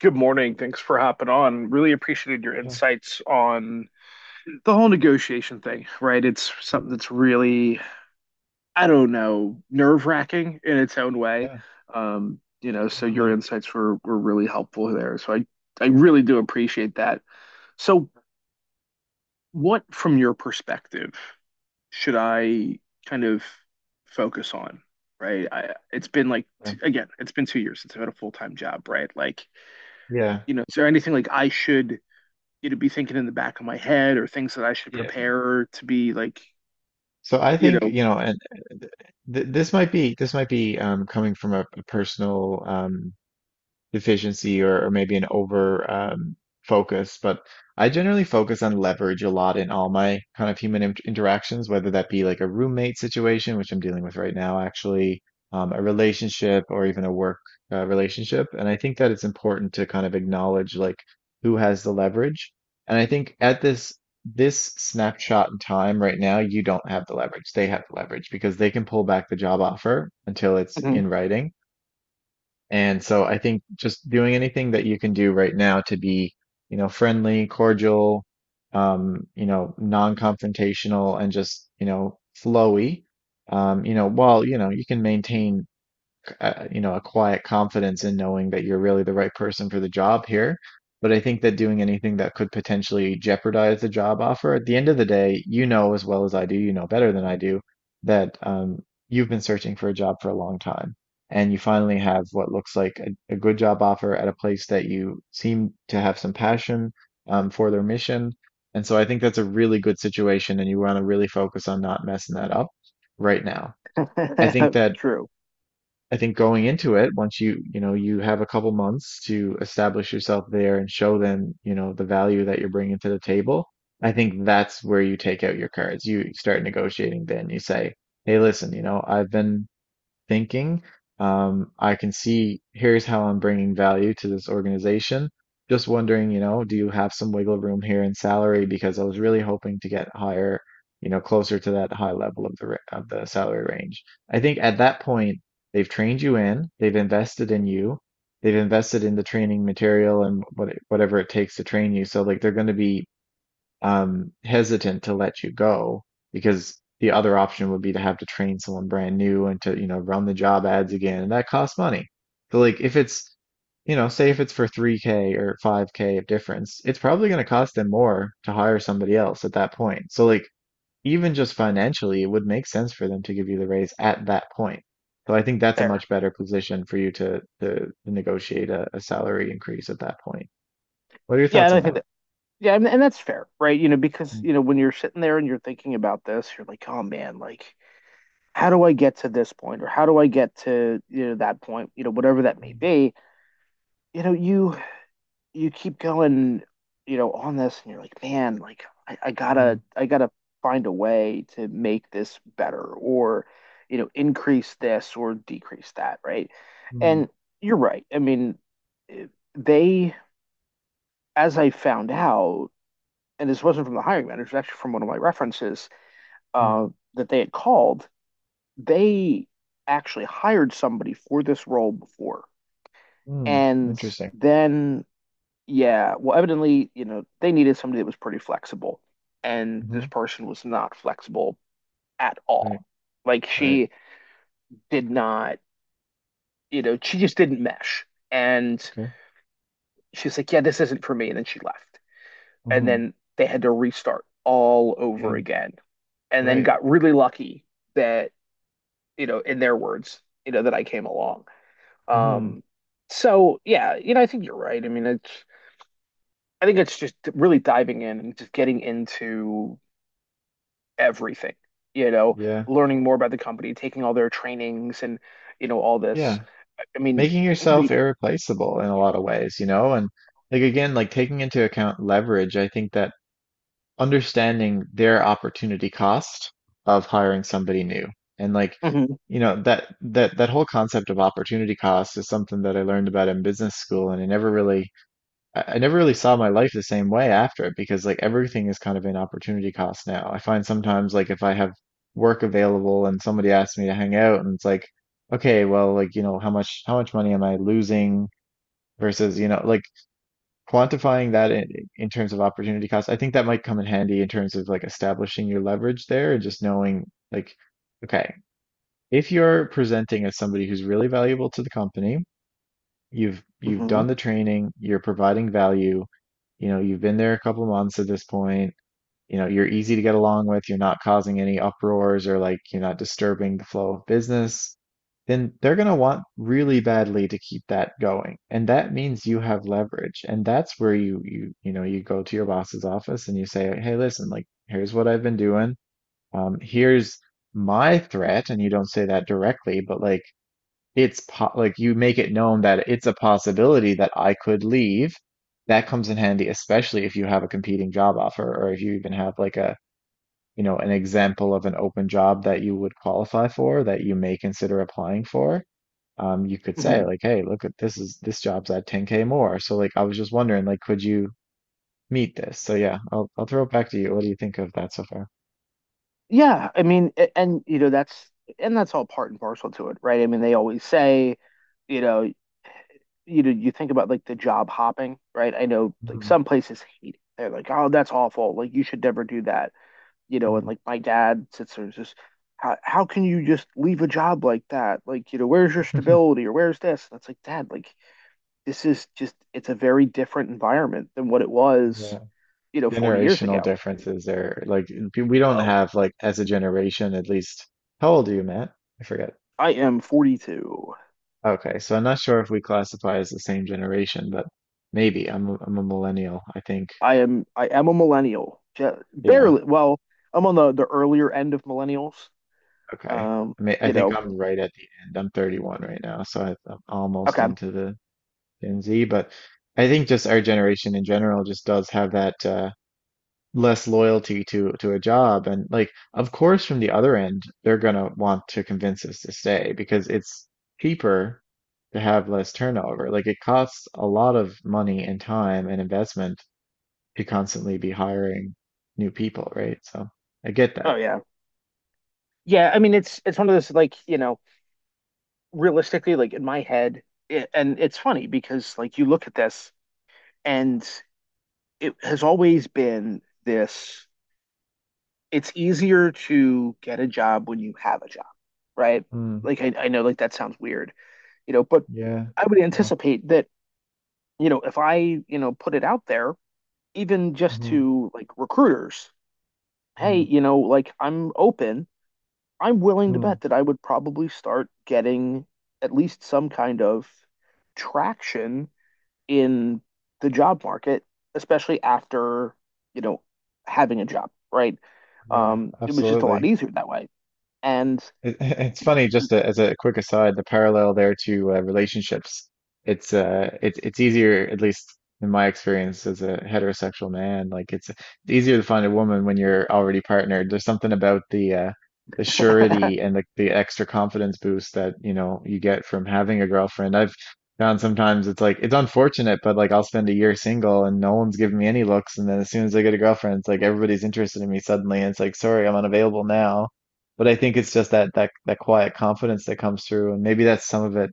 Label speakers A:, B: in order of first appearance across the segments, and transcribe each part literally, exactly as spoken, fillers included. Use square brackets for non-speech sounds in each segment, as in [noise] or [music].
A: Good morning. Thanks for hopping on. Really appreciated your
B: Yeah,
A: insights on the whole negotiation thing, right? It's something
B: yeah,
A: that's really, I don't know, nerve-wracking in its own way.
B: yeah,
A: Um, you know, so your
B: absolutely.
A: insights were were really helpful there. So I I really do appreciate that. So what, from your perspective, should I kind of focus on, right? I, it's been like
B: Yeah.
A: t again, it's been two years since I've had a full-time job, right? Like,
B: Yeah.
A: you know, is there anything like I should you know, be thinking in the back of my head or things that I should
B: Yeah.
A: prepare to be like,
B: So I
A: you
B: think,
A: know,
B: you know, and uh, th th- this might be this might be um coming from a, a personal um deficiency, or, or maybe an over um, focus. But I generally focus on leverage a lot in all my kind of human int interactions, whether that be like a roommate situation, which I'm dealing with right now, actually, um, a relationship or even a work uh, relationship. And I think that it's important to kind of acknowledge like who has the leverage. And I think at this this snapshot in time right now, you don't have the leverage. They have the leverage because they can pull back the job offer until it's in
A: Mhm.
B: writing. And so I think just doing anything that you can do right now to be, you know, friendly, cordial, um, you know, non-confrontational and just, you know, flowy, um, you know, while, you know, you can maintain uh, you know, a quiet confidence in knowing that you're really the right person for the job here. But I think that doing anything that could potentially jeopardize the job offer, at the end of the day, you know as well as I do, you know better than I do, that um, you've been searching for a job for a long time. And you finally have what looks like a, a good job offer at a place that you seem to have some passion um, for their mission. And so I think that's a really good situation, and you want to really focus on not messing that up right now. I think
A: [laughs]
B: that
A: True.
B: I think going into it, once you, you know, you have a couple months to establish yourself there and show them, you know, the value that you're bringing to the table, I think that's where you take out your cards. You start negotiating then. You say, "Hey, listen, you know, I've been thinking. Um, I can see here's how I'm bringing value to this organization. Just wondering, you know, do you have some wiggle room here in salary? Because I was really hoping to get higher, you know, closer to that high level of the ra- of the salary range. I think at that point they've trained you in, they've invested in you, they've invested in the training material and what whatever it takes to train you. So like they're going to be um, hesitant to let you go because the other option would be to have to train someone brand new and to, you know, run the job ads again, and that costs money. So like if it's, you know, say if it's for three k or five k of difference, it's probably going to cost them more to hire somebody else at that point. So like even just financially, it would make sense for them to give you the raise at that point. So I think that's a
A: Fair.
B: much better position for you to to, to negotiate a, a salary increase at that point. What are your
A: Yeah,
B: thoughts
A: and I
B: on
A: think
B: that?
A: that yeah, and, and that's fair, right? You know, because
B: Mm,
A: you know, when you're sitting there and you're thinking about this, you're like, oh man, like how do I get to this point or how do I get to, you know, that point, you know, whatever that may be, you know, you you keep going, you know, on this, and you're like, man, like I, I
B: mm,
A: gotta, I gotta find a way to make this better, or you know, increase this or decrease that, right? And
B: mm.
A: you're right. I mean, eh, they, as I found out, and this wasn't from the hiring manager, it was actually from one of my references, uh,
B: Mm,
A: that they had called. They actually hired somebody for this role before,
B: mm,
A: and
B: interesting.
A: then yeah, well, evidently, you know, they needed somebody that was pretty flexible, and this
B: Mhm,
A: person was not flexible at
B: right,
A: all. Like
B: right,
A: she did not, you know, she just didn't mesh. And
B: okay.
A: she's like, "Yeah, this isn't for me," and then she left. And
B: Mhm,
A: then they had to restart all
B: yeah,
A: over again, and then
B: right.
A: got really lucky that, you know, in their words, you know, that I came along.
B: Mhm,
A: Um, so yeah, you know, I think you're right. I mean, it's I think it's just really diving in and just getting into everything, you know,
B: yeah,
A: learning more about the company, taking all their trainings and, you know, all this.
B: yeah.
A: I mean,
B: Making yourself irreplaceable in a lot of ways, you know, and like again, like taking into account leverage, I think that understanding their opportunity cost of hiring somebody new and like,
A: Mhm,
B: you know, that that that whole concept of opportunity cost is something that I learned about in business school and I never really I, I never really saw my life the same way after it because like everything is kind of an opportunity cost now. I find sometimes like if I have work available and somebody asks me to hang out and it's like, okay, well, like, you know, how much how much money am I losing versus, you know, like quantifying that in, in terms of opportunity cost. I think that might come in handy in terms of like establishing your leverage there and just knowing like, okay, if you're presenting as somebody who's really valuable to the company, You've you've done
A: mhm,
B: the training, you're providing value, you know, you've been there a couple months at this point, you know, you're easy to get along with, you're not causing any uproars or like you're not disturbing the flow of business, then they're going to want really badly to keep that going. And that means you have leverage. And that's where you you you know, you go to your boss's office and you say, "Hey, listen, like here's what I've been doing. Um, here's my threat." And you don't say that directly, but like it's po like you make it known that it's a possibility that I could leave. That comes in handy, especially if you have a competing job offer or if you even have like a, you know, an example of an open job that you would qualify for that you may consider applying for. Um, you could say
A: mhm.
B: like, hey, look at this is this job's at ten k more. So like I was just wondering, like, could you meet this? So yeah, I'll I'll throw it back to you. What do you think of that so far?
A: Yeah, I mean, a- and you know, that's and that's all part and parcel to it, right? I mean, they always say, you know, you know, you think about like the job hopping, right? I know like
B: Mm,
A: some places hate it. They're like, oh, that's awful. Like you should never do that, you know. And like my dad sits there and just, how how can you just leave a job like that? Like, you know, where's your
B: mm. [laughs]
A: stability or where's this? And it's like, Dad, like this is just it's a very different environment than what it was,
B: Yeah.
A: you know, forty years
B: Generational
A: ago.
B: differences there. Like p- we don't
A: Oh,
B: have like as a generation, at least. How old are you, Matt? I forget.
A: I am forty-two.
B: Okay, so I'm not sure if we classify as the same generation, but maybe I'm a- I'm a millennial. I think.
A: I am I am a millennial. Ju-
B: Yeah.
A: barely. Well, I'm on the the earlier end of millennials.
B: Okay.
A: Um,
B: I mean, I
A: you
B: think
A: know,
B: I'm right at the end. I'm thirty-one right now, so I, I'm almost
A: okay.
B: into the Gen Z. But I think just our generation in general just does have that uh, less loyalty to to a job, and like, of course, from the other end they're gonna want to convince us to stay because it's cheaper to have less turnover. Like it costs a lot of money and time and investment to constantly be hiring new people, right? So I get
A: Oh
B: that.
A: yeah. Yeah, I mean it's it's one of those like, you know, realistically like in my head it, and it's funny because like you look at this and it has always been this it's easier to get a job when you have a job, right?
B: Mm,
A: Like I, I know like that sounds weird, you know, but
B: yeah.
A: I would
B: Oh,
A: anticipate that, you know, if I, you know, put it out there, even just
B: mhm,
A: to like recruiters, hey,
B: mhm,
A: you know, like I'm open, I'm willing to
B: mm,
A: bet that I would probably start getting at least some kind of traction in the job market, especially after, you know, having a job, right?
B: yeah,
A: Um, it was just a lot
B: absolutely.
A: easier that way. And
B: It, [laughs] it's funny, just a, as a quick aside, the parallel there to uh, relationships. It's uh, it's it's easier, at least in my experience as a heterosexual man. Like it's it's easier to find a woman when you're already partnered. There's something about the uh, the
A: [laughs] oh,
B: surety and the the extra confidence boost that you know you get from having a girlfriend. I've found sometimes it's like it's unfortunate, but like I'll spend a year single and no one's giving me any looks, and then as soon as I get a girlfriend, it's like everybody's interested in me suddenly, and it's like, sorry, I'm unavailable now, but I think it's just that that that quiet confidence that comes through, and maybe that's some of it,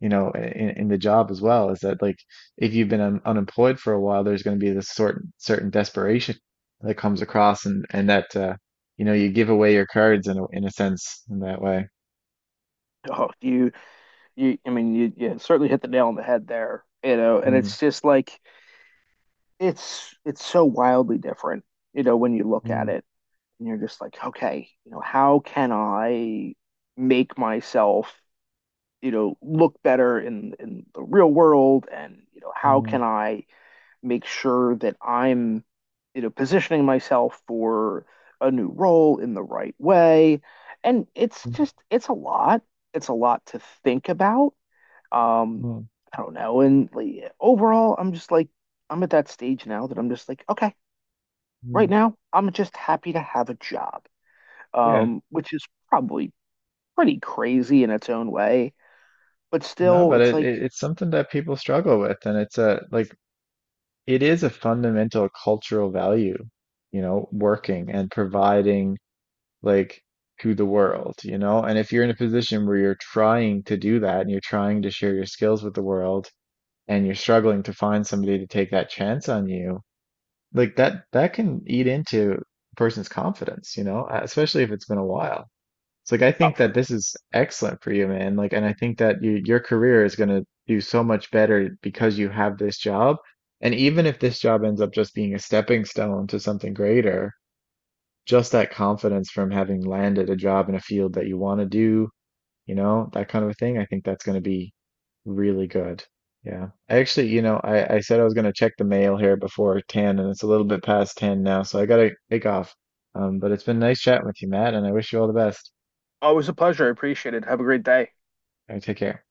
B: you know, in, in the job as well. Is that like if you've been un unemployed for a while, there's going to be this sort certain desperation that comes across, and and that uh, you know, you give away your cards in a, in a sense in that way.
A: you you I mean you, you certainly hit the nail on the head there, you know, and
B: Mm,
A: it's just like it's it's so wildly different, you know, when you look at
B: mm,
A: it and you're just like, okay, you know, how can I make myself, you know, look better in in the real world and, you know, how
B: mm,
A: can I make sure that I'm, you know, positioning myself for a new role in the right way. And it's
B: mm,
A: just, it's a lot. It's a lot to think about. Um,
B: mm,
A: I don't know. And like, overall, I'm just like, I'm at that stage now that I'm just like, okay, right
B: mm.
A: now, I'm just happy to have a job,
B: Yeah,
A: um, which is probably pretty crazy in its own way. But
B: no,
A: still,
B: but
A: it's
B: it,
A: like,
B: it it's something that people struggle with, and it's a like it is a fundamental cultural value, you know, working and providing like to the world, you know? And if you're in a position where you're trying to do that and you're trying to share your skills with the world and you're struggling to find somebody to take that chance on you, like that that can eat into a person's confidence, you know. Uh, especially if it's been a while. It's like I
A: oh,
B: think that
A: for,
B: this is excellent for you, man. Like, and I think that you, your career is going to do so much better because you have this job. And even if this job ends up just being a stepping stone to something greater, just that confidence from having landed a job in a field that you want to do, you know, that kind of a thing, I think that's going to be really good. Yeah. I actually, you know, I, I said I was going to check the mail here before ten, and it's a little bit past ten now, so I got to take off. Um, but it's been nice chatting with you, Matt, and I wish you all the best.
A: always a pleasure. I appreciate it. Have a great day.
B: All right, take care.